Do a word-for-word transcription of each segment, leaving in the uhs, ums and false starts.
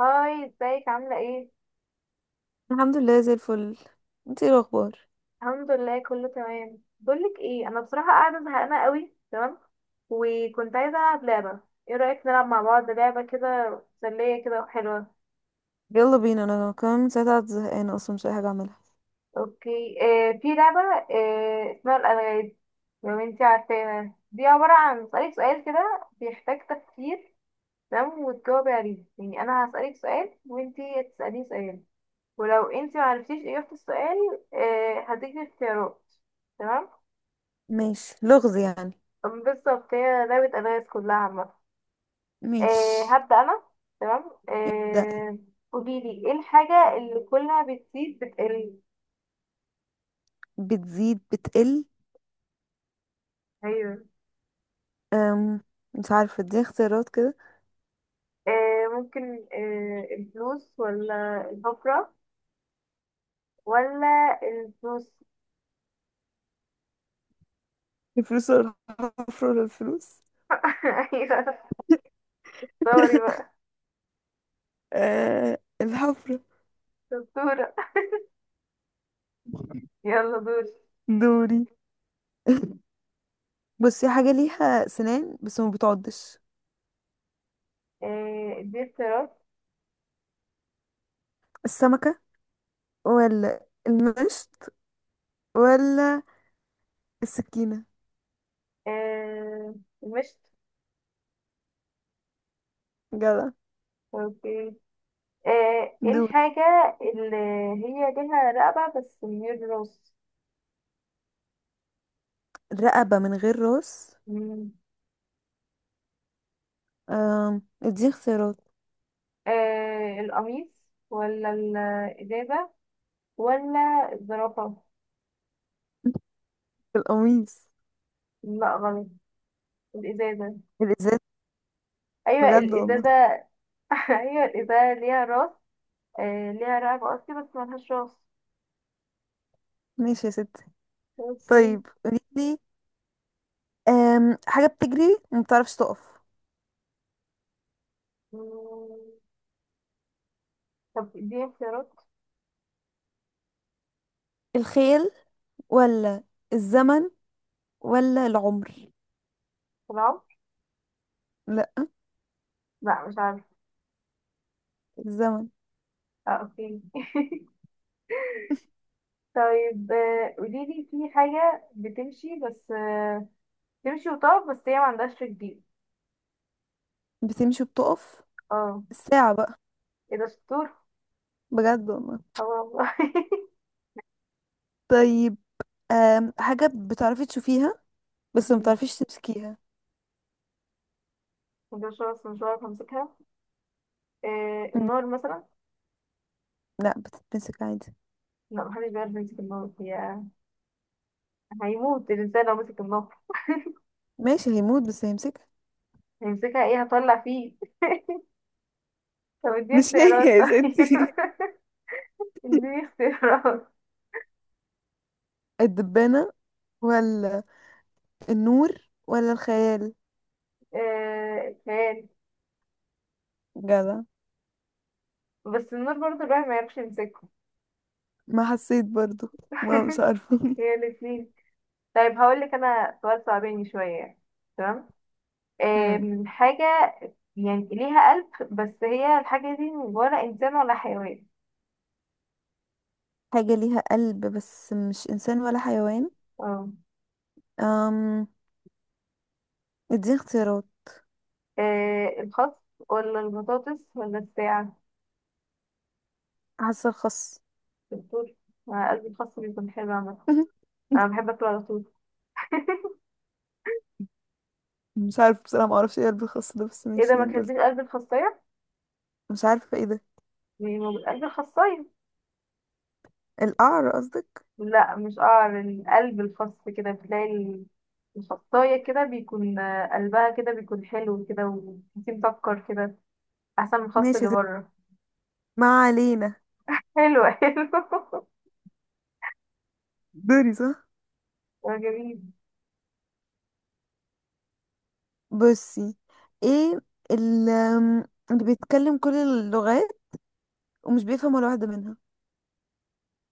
هاي ازيك عاملة ايه؟ الحمد لله زي الفل. انت ايه الاخبار؟ الحمد لله كله تمام. بقولك ايه انا بصراحة قاعدة زهقانة قوي. تمام وكنت عايزة العب لعبة. ايه رأيك نلعب مع بعض لعبة كده مسلية كده وحلوة؟ يلا بينا، انا كمان من ساعتها قاعدة زهقانه اصلا مش لاقي حاجه اعملها. اوكي، آه في لعبة، آه اسمها الألغاز. لو انتي عارفاها دي عبارة عن اسألك سؤال كده بيحتاج تفكير. تمام وتجاوبي عليه. يعني انا هسألك سؤال وانتي هتسأليني سؤال. ولو انتي معرفتيش اجابة السؤال آه هديكي اختيارات. تمام. ماشي، لغز يعني. بالظبط هي لعبة ألغاز كلها عامة. آه ماشي، هبدأ أنا. تمام ابدا. آه قوليلي ايه الحاجة اللي كلها بتزيد بتقل؟ بتزيد بتقل؟ ايوه. أم مش عارفه، دي اختيارات كده؟ آه ممكن، آه الفلوس ولا الحفرة ولا الفلوس؟ الفلوس ولا الحفره ولا الفلوس؟ ايوه. دوري بقى أه، الحفره. دكتورة. يلا دوري. دوري. بصي، حاجه ليها سنان بس ما بتعضش. آه دي اختيارات. السمكه ولا المشط ولا السكينه؟ آه مشت. جدع. اوكي. آه ايه دول. الحاجة اللي هي ليها رقبة بس من غير راس؟ رقبه من غير راس؟ مم. آم، اديني اختيارات. آه القميص ولا الإزازة ولا الزرافة؟ القميص. لا غلط. الإزازة. الازاز. أيوة بجد والله. الإزازة. أيوة الإزازة ليها راس. آه ليها رقبة قصدي بس ملهاش راس. ماشي يا ستي. اوكي. طيب قوليلي، آم، حاجة بتجري وما بتعرفش تقف. مم. طب دي اختيارات؟ الخيل ولا الزمن ولا العمر؟ في العمر. لا، لا مش عارفة. الزمن. اه اوكي. طيب، آه، قوليلي في حاجة بتمشي بس آه تمشي وتقف بس هي ما عندهاش رجلين. بتمشي وبتقف؟ اه. الساعة بقى. ايه ده؟ شطور. بجد والله. اه والله. طيب، آم، حاجة بتعرفي تشوفيها بس ما مم. بتعرفيش تمسكيها. ده شخص مش عارف امسكها. آه مم، النار مثلا؟ لا، بتتمسك عادي. لا محدش بيعرف يمسك النار. هي هيموت الإنسان لو مسك النار. ماشي هيموت بس هيمسكها. هيمسكها ايه؟ هطلع فيه. طب اديني مش هي اختيارات يا طيب. ستي. اديني اختيارات. الدبانة ولا النور ولا الخيال؟ آه، الخيال. جدع. بس النار برضه الواحد ما يعرفش يمسكه. ما حسيت برضو. ما مش عارفة. هي الاتنين. طيب هقول لك انا سؤال صعباني شوية يعني. تمام. امم. آم، حاجة يعني ليها قلب بس هي الحاجة دي ولا إنسان ولا حيوان. حاجة ليها قلب بس مش إنسان ولا حيوان؟ اه. أم، اديني اختيارات. آه، الخس ولا البطاطس ولا الساعة؟ حاسة الخس. بالدور. مع قلب الخاص بيكون حلو عامة. أنا بحب أكله على طول. مش عارفة بصراحة، معرفش ايه قلب الخس ده، بس إيه ده؟ ماشي ما يعني قلت. كاتبين قلب الخاصية؟ مش عارفة ايه ده. يعني ما بال- قلب الخاصية. القعر قصدك. لا مش قعر القلب الخاص كده بتلاقي ال- الخاصية كده بيكون، آه، قلبها كده بيكون حلو كده. وفيه مسكر كده أحسن من الخاص ماشي يا اللي ستي. بره. ما علينا. حلو حلو. دوري صح. آه، جميل. بصي، ايه ال- أم، اللي بيتكلم كل اللغات ومش بيفهم ولا واحدة منها؟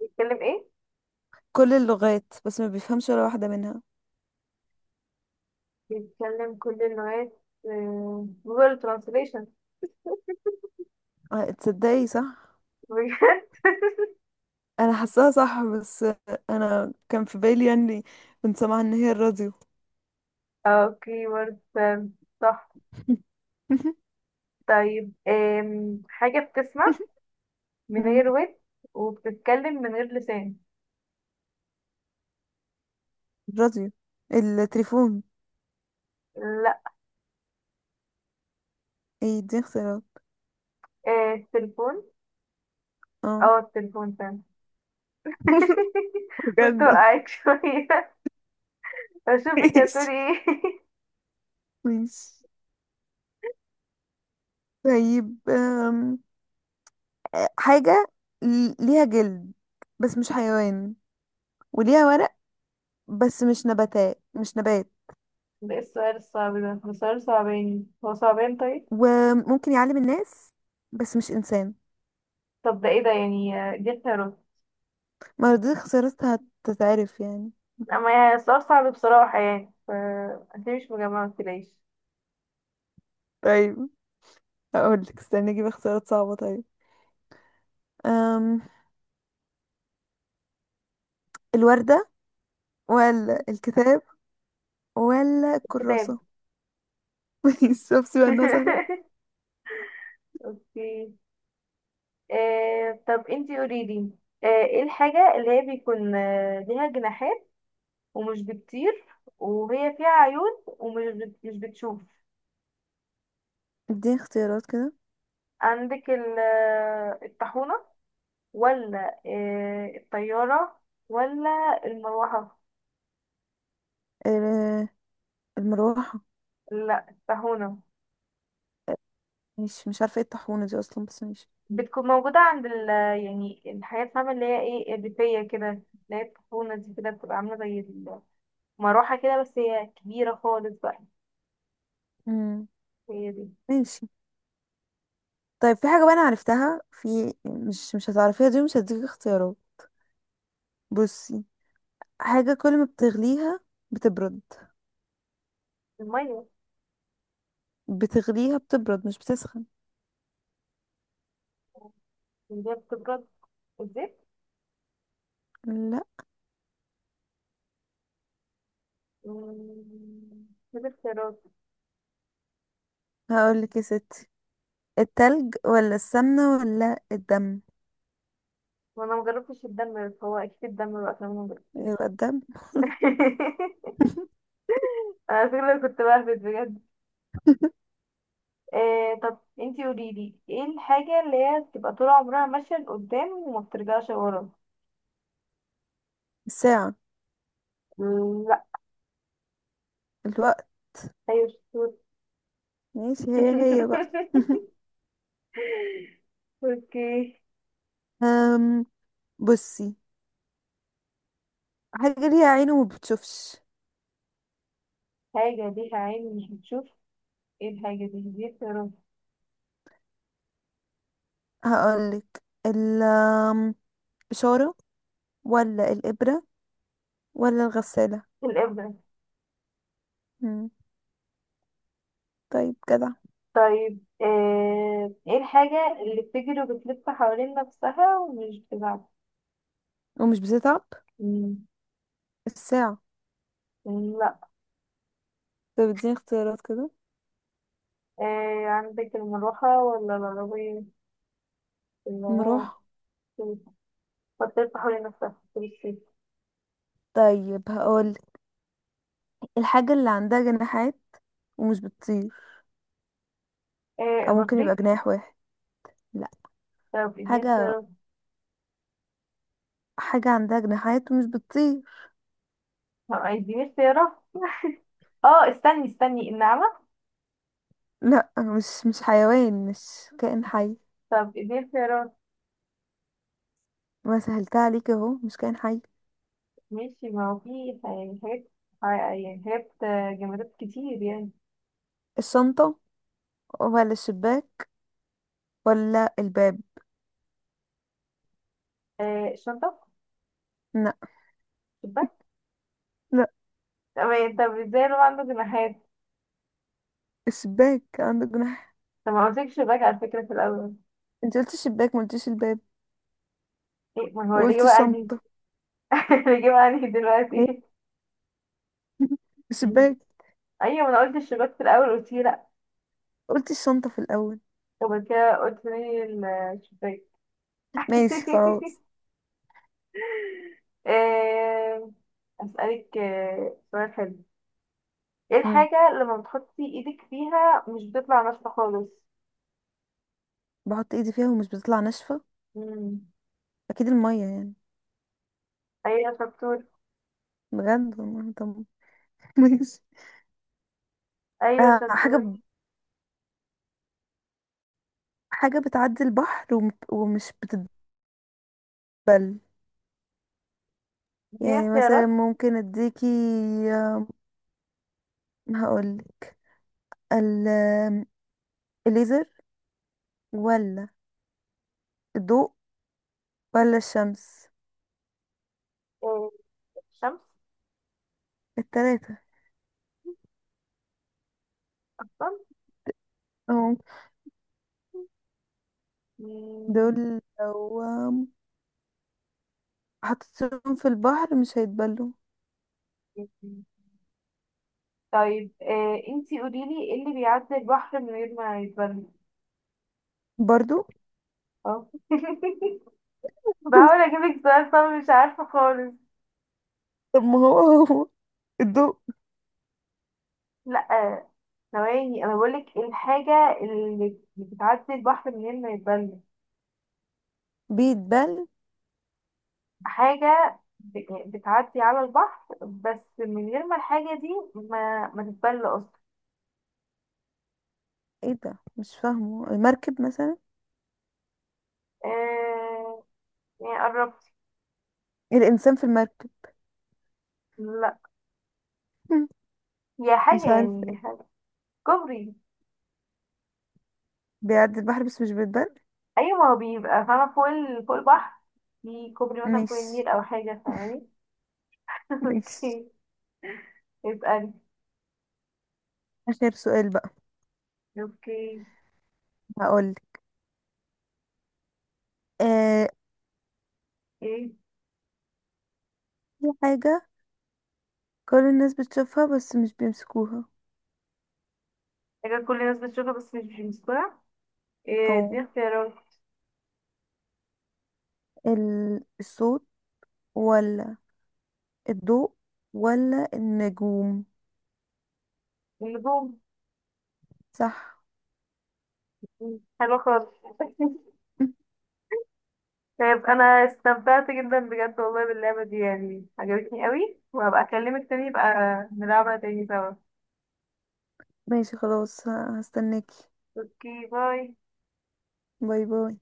بيتكلم إيه؟ كل اللغات بس ما بيفهمش ولا واحدة منها. بيتكلم كل اللغات، آه، جوجل ترانسليشن. آه، تصدقي صح. انا حاساها صح، بس انا كان في بالي يعني، كنت سامعه ان هي الراديو. اوكي ورد، آه، صح. طيب، آم، حاجة بتسمع من مم. غير ود وبتتكلم من غير لسان. الراديو. التليفون. لا. ايه دي اختيارات. آه التليفون. اه. اه التليفون فعلا. كنت بجد. وقعت شوية. اشوفك هتقولي ماشي ايه. ماشي. طيب أم، حاجة ل- ليها جلد بس مش حيوان، وليها ورق بس مش نباتات مش نبات، ده إيه السؤال الصعب ده. ده سؤال صعباني، هو صعبان طيب. وممكن يعلم الناس بس مش إنسان. طب ده ايه ده؟ يعني آه، دي اختيارات. ما هو دي خسارتها، هتتعرف يعني. اما يعني السؤال صعب بصراحة يعني ف انت مش مجمعة متلاقيش. طيب هقول لك، استني اجيب اختيارات صعبة طيب. أم... الوردة ولا الكتاب ولا كتاب. الكراسة؟ شفتي بقى الناس انا. اوكي. آه طب انتي قوليلي، آه ايه الحاجة اللي هي بيكون آه، ليها جناحات ومش بتطير وهي فيها عيون ومش بت- مش بتشوف؟ اديني اختيارات كده. عندك ال- الطاحونة ولا آه، الطيارة ولا المروحة. ال- المروحة. لا الطاحونة. مش مش عارفة ايه الطاحونة دي اصلا، بس ماشي. بتكون موجودة عند ال يعني الحاجات، فاهمة، اللي هي ايه الريفية كده، اللي هي الطاحونة دي كده بتبقى عاملة زي المروحة كده بس هي كبيرة خالص بقى. مم. هي دي. ماشي. طيب في حاجة بقى انا عرفتها، في مش مش هتعرفيها، دي مش هديك اختيارات. بصي، حاجة كل ما بتغليها بتبرد. المية. بتغليها بتبرد مش بتسخن. اللي هي بتبرد؟ الزيت. لا. مم، كده اختيارات. هقول لك يا ستي، التلج ولا السمنة ولا الدم؟ وانا مجربتش الدم فهو اكيد الدم بقى عشان انا مجربتوش. يبقى الدم. انا فكرة كنت بهبت بجد. إيه طب انتي قوليلي ايه الحاجة اللي هي بتبقى طول عمرها ماشية لقدام وما بترجعش ورا؟ الساعة. مم، لا. الوقت. ايوه شطور. ماشي، هي هي بقى. اوكي. أم، بصي، حاجة ليها عين وما بتشوفش. حاجة ليها عين مش بتشوف. ايه الحاجة دي؟ دي يا رب. هقولك، الإشارة ولا الإبرة ولا الغسالة؟ الإبرة. مم. طيب جدع. طيب، آه، ايه الحاجة اللي بتجري وبتلف حوالين نفسها ومش بتتعب؟ ومش بتتعب. مم، الساعة. لا. طيب اديني اختيارات كده. إيه عندك المروحة ولا العربية اللي هو المروحة. بطارية تحولي نفسها بالسيف؟ طيب هقولك، الحاجة اللي عندها جناحات ومش بتطير، إيه، أو ممكن يبقى البطريق. جناح واحد. لا. طب اديني حاجة، اختيارات. حاجة عندها جناحات ومش بتطير. طب اديني اختيارات. اه استني استني، النعمة. لا، مش مش حيوان، مش كائن حي. طب اديني اختيارات. وسهلتها عليك اهو، مش كائن حي. ماشي ما هو في يعني حاجات، يعني حاجات آه، جمادات كتير يعني. الشنطة ولا الشباك ولا الباب؟ إيه، الشنطة؟ لا. شباك. لا. تمام. طب ازاي لو عنده جناحات؟ الشباك عندك جناح. طب ما قلتلكش شباك على فكرة في الأول. انت قلت الشباك، ما قلتيش الباب، ايه ما هو وقلت الإجابة عندي. الشنطة. الإجابة عندي ايه. دلوقتي. الشباك. ايوه ما انا قلت الشباك في الأول، قلت لي لأ. قلت الشنطة في الأول. طب كده قلت لي الشباك. ماشي خلاص. آه، أسألك آه، سؤال حلو. ايه مم. الحاجة لما بتحطي ايدك فيها مش بتطلع ناشفة خالص؟ بحط ايدي فيها ومش بتطلع ناشفة. مم. أكيد المية يعني. ايوه شطور. بجد والله. طب. ماشي. ايوه آه، حاجة شطور. ب... حاجة بتعدي البحر وم... ومش بتتبل. دي يعني مثلا اختيارات. ممكن اديكي آه، هقولك ال... الليزر ولا الضوء ولا الشمس؟ آه، الشمس التلاتة اصلا. اه. مم. دول لو حطيتهم في البحر مش هيتبلوا. طيب، آه، انتي قوليلي ايه اللي بيعدي البحر من غير ما يتبل؟ برضو. اه. بحاول اجيبك سؤال صعب مش عارفة خالص. طب ما هو، هو الضوء لا. آه، ثواني انا بقولك إيه الحاجة اللي بتعدي البحر من غير ما يتبل. بيتبل؟ حاجة ب- يعني بتعدي على البحر بس من غير ما الحاجة دي ما, ما تتبل اصلا. ايه ده، مش فاهمه. المركب مثلا، آه، يعني قربت. الانسان في المركب. لا. هي حاجة مش عارفه يعني ايه حاجة. كوبري. بيعدي البحر بس مش بيتبل. ايوه ما هو بيبقى فاهمة فوق ال... فوق البحر. في كوبري مثلا مش فوق النيل او حاجة ثواني. مش اوكي. اسألي. اخر سؤال بقى. اوكي. هقولك آه، ايه؟ في حاجه كل الناس بتشوفها بس مش بيمسكوها. حاجة كل الناس بتشوفها بس مش بسرعة. إيه، دي او اختيارات؟ ال- الصوت ولا الضوء ولا النجوم؟ النجوم. صح. حلوة خالص. طيب انا استمتعت جدا بجد والله باللعبة دي، يعني عجبتني قوي. وهبقى اكلمك تاني يبقى نلعبها تاني سوا. ماشي خلاص. ه- هستناكي. اوكي باي. باي باي.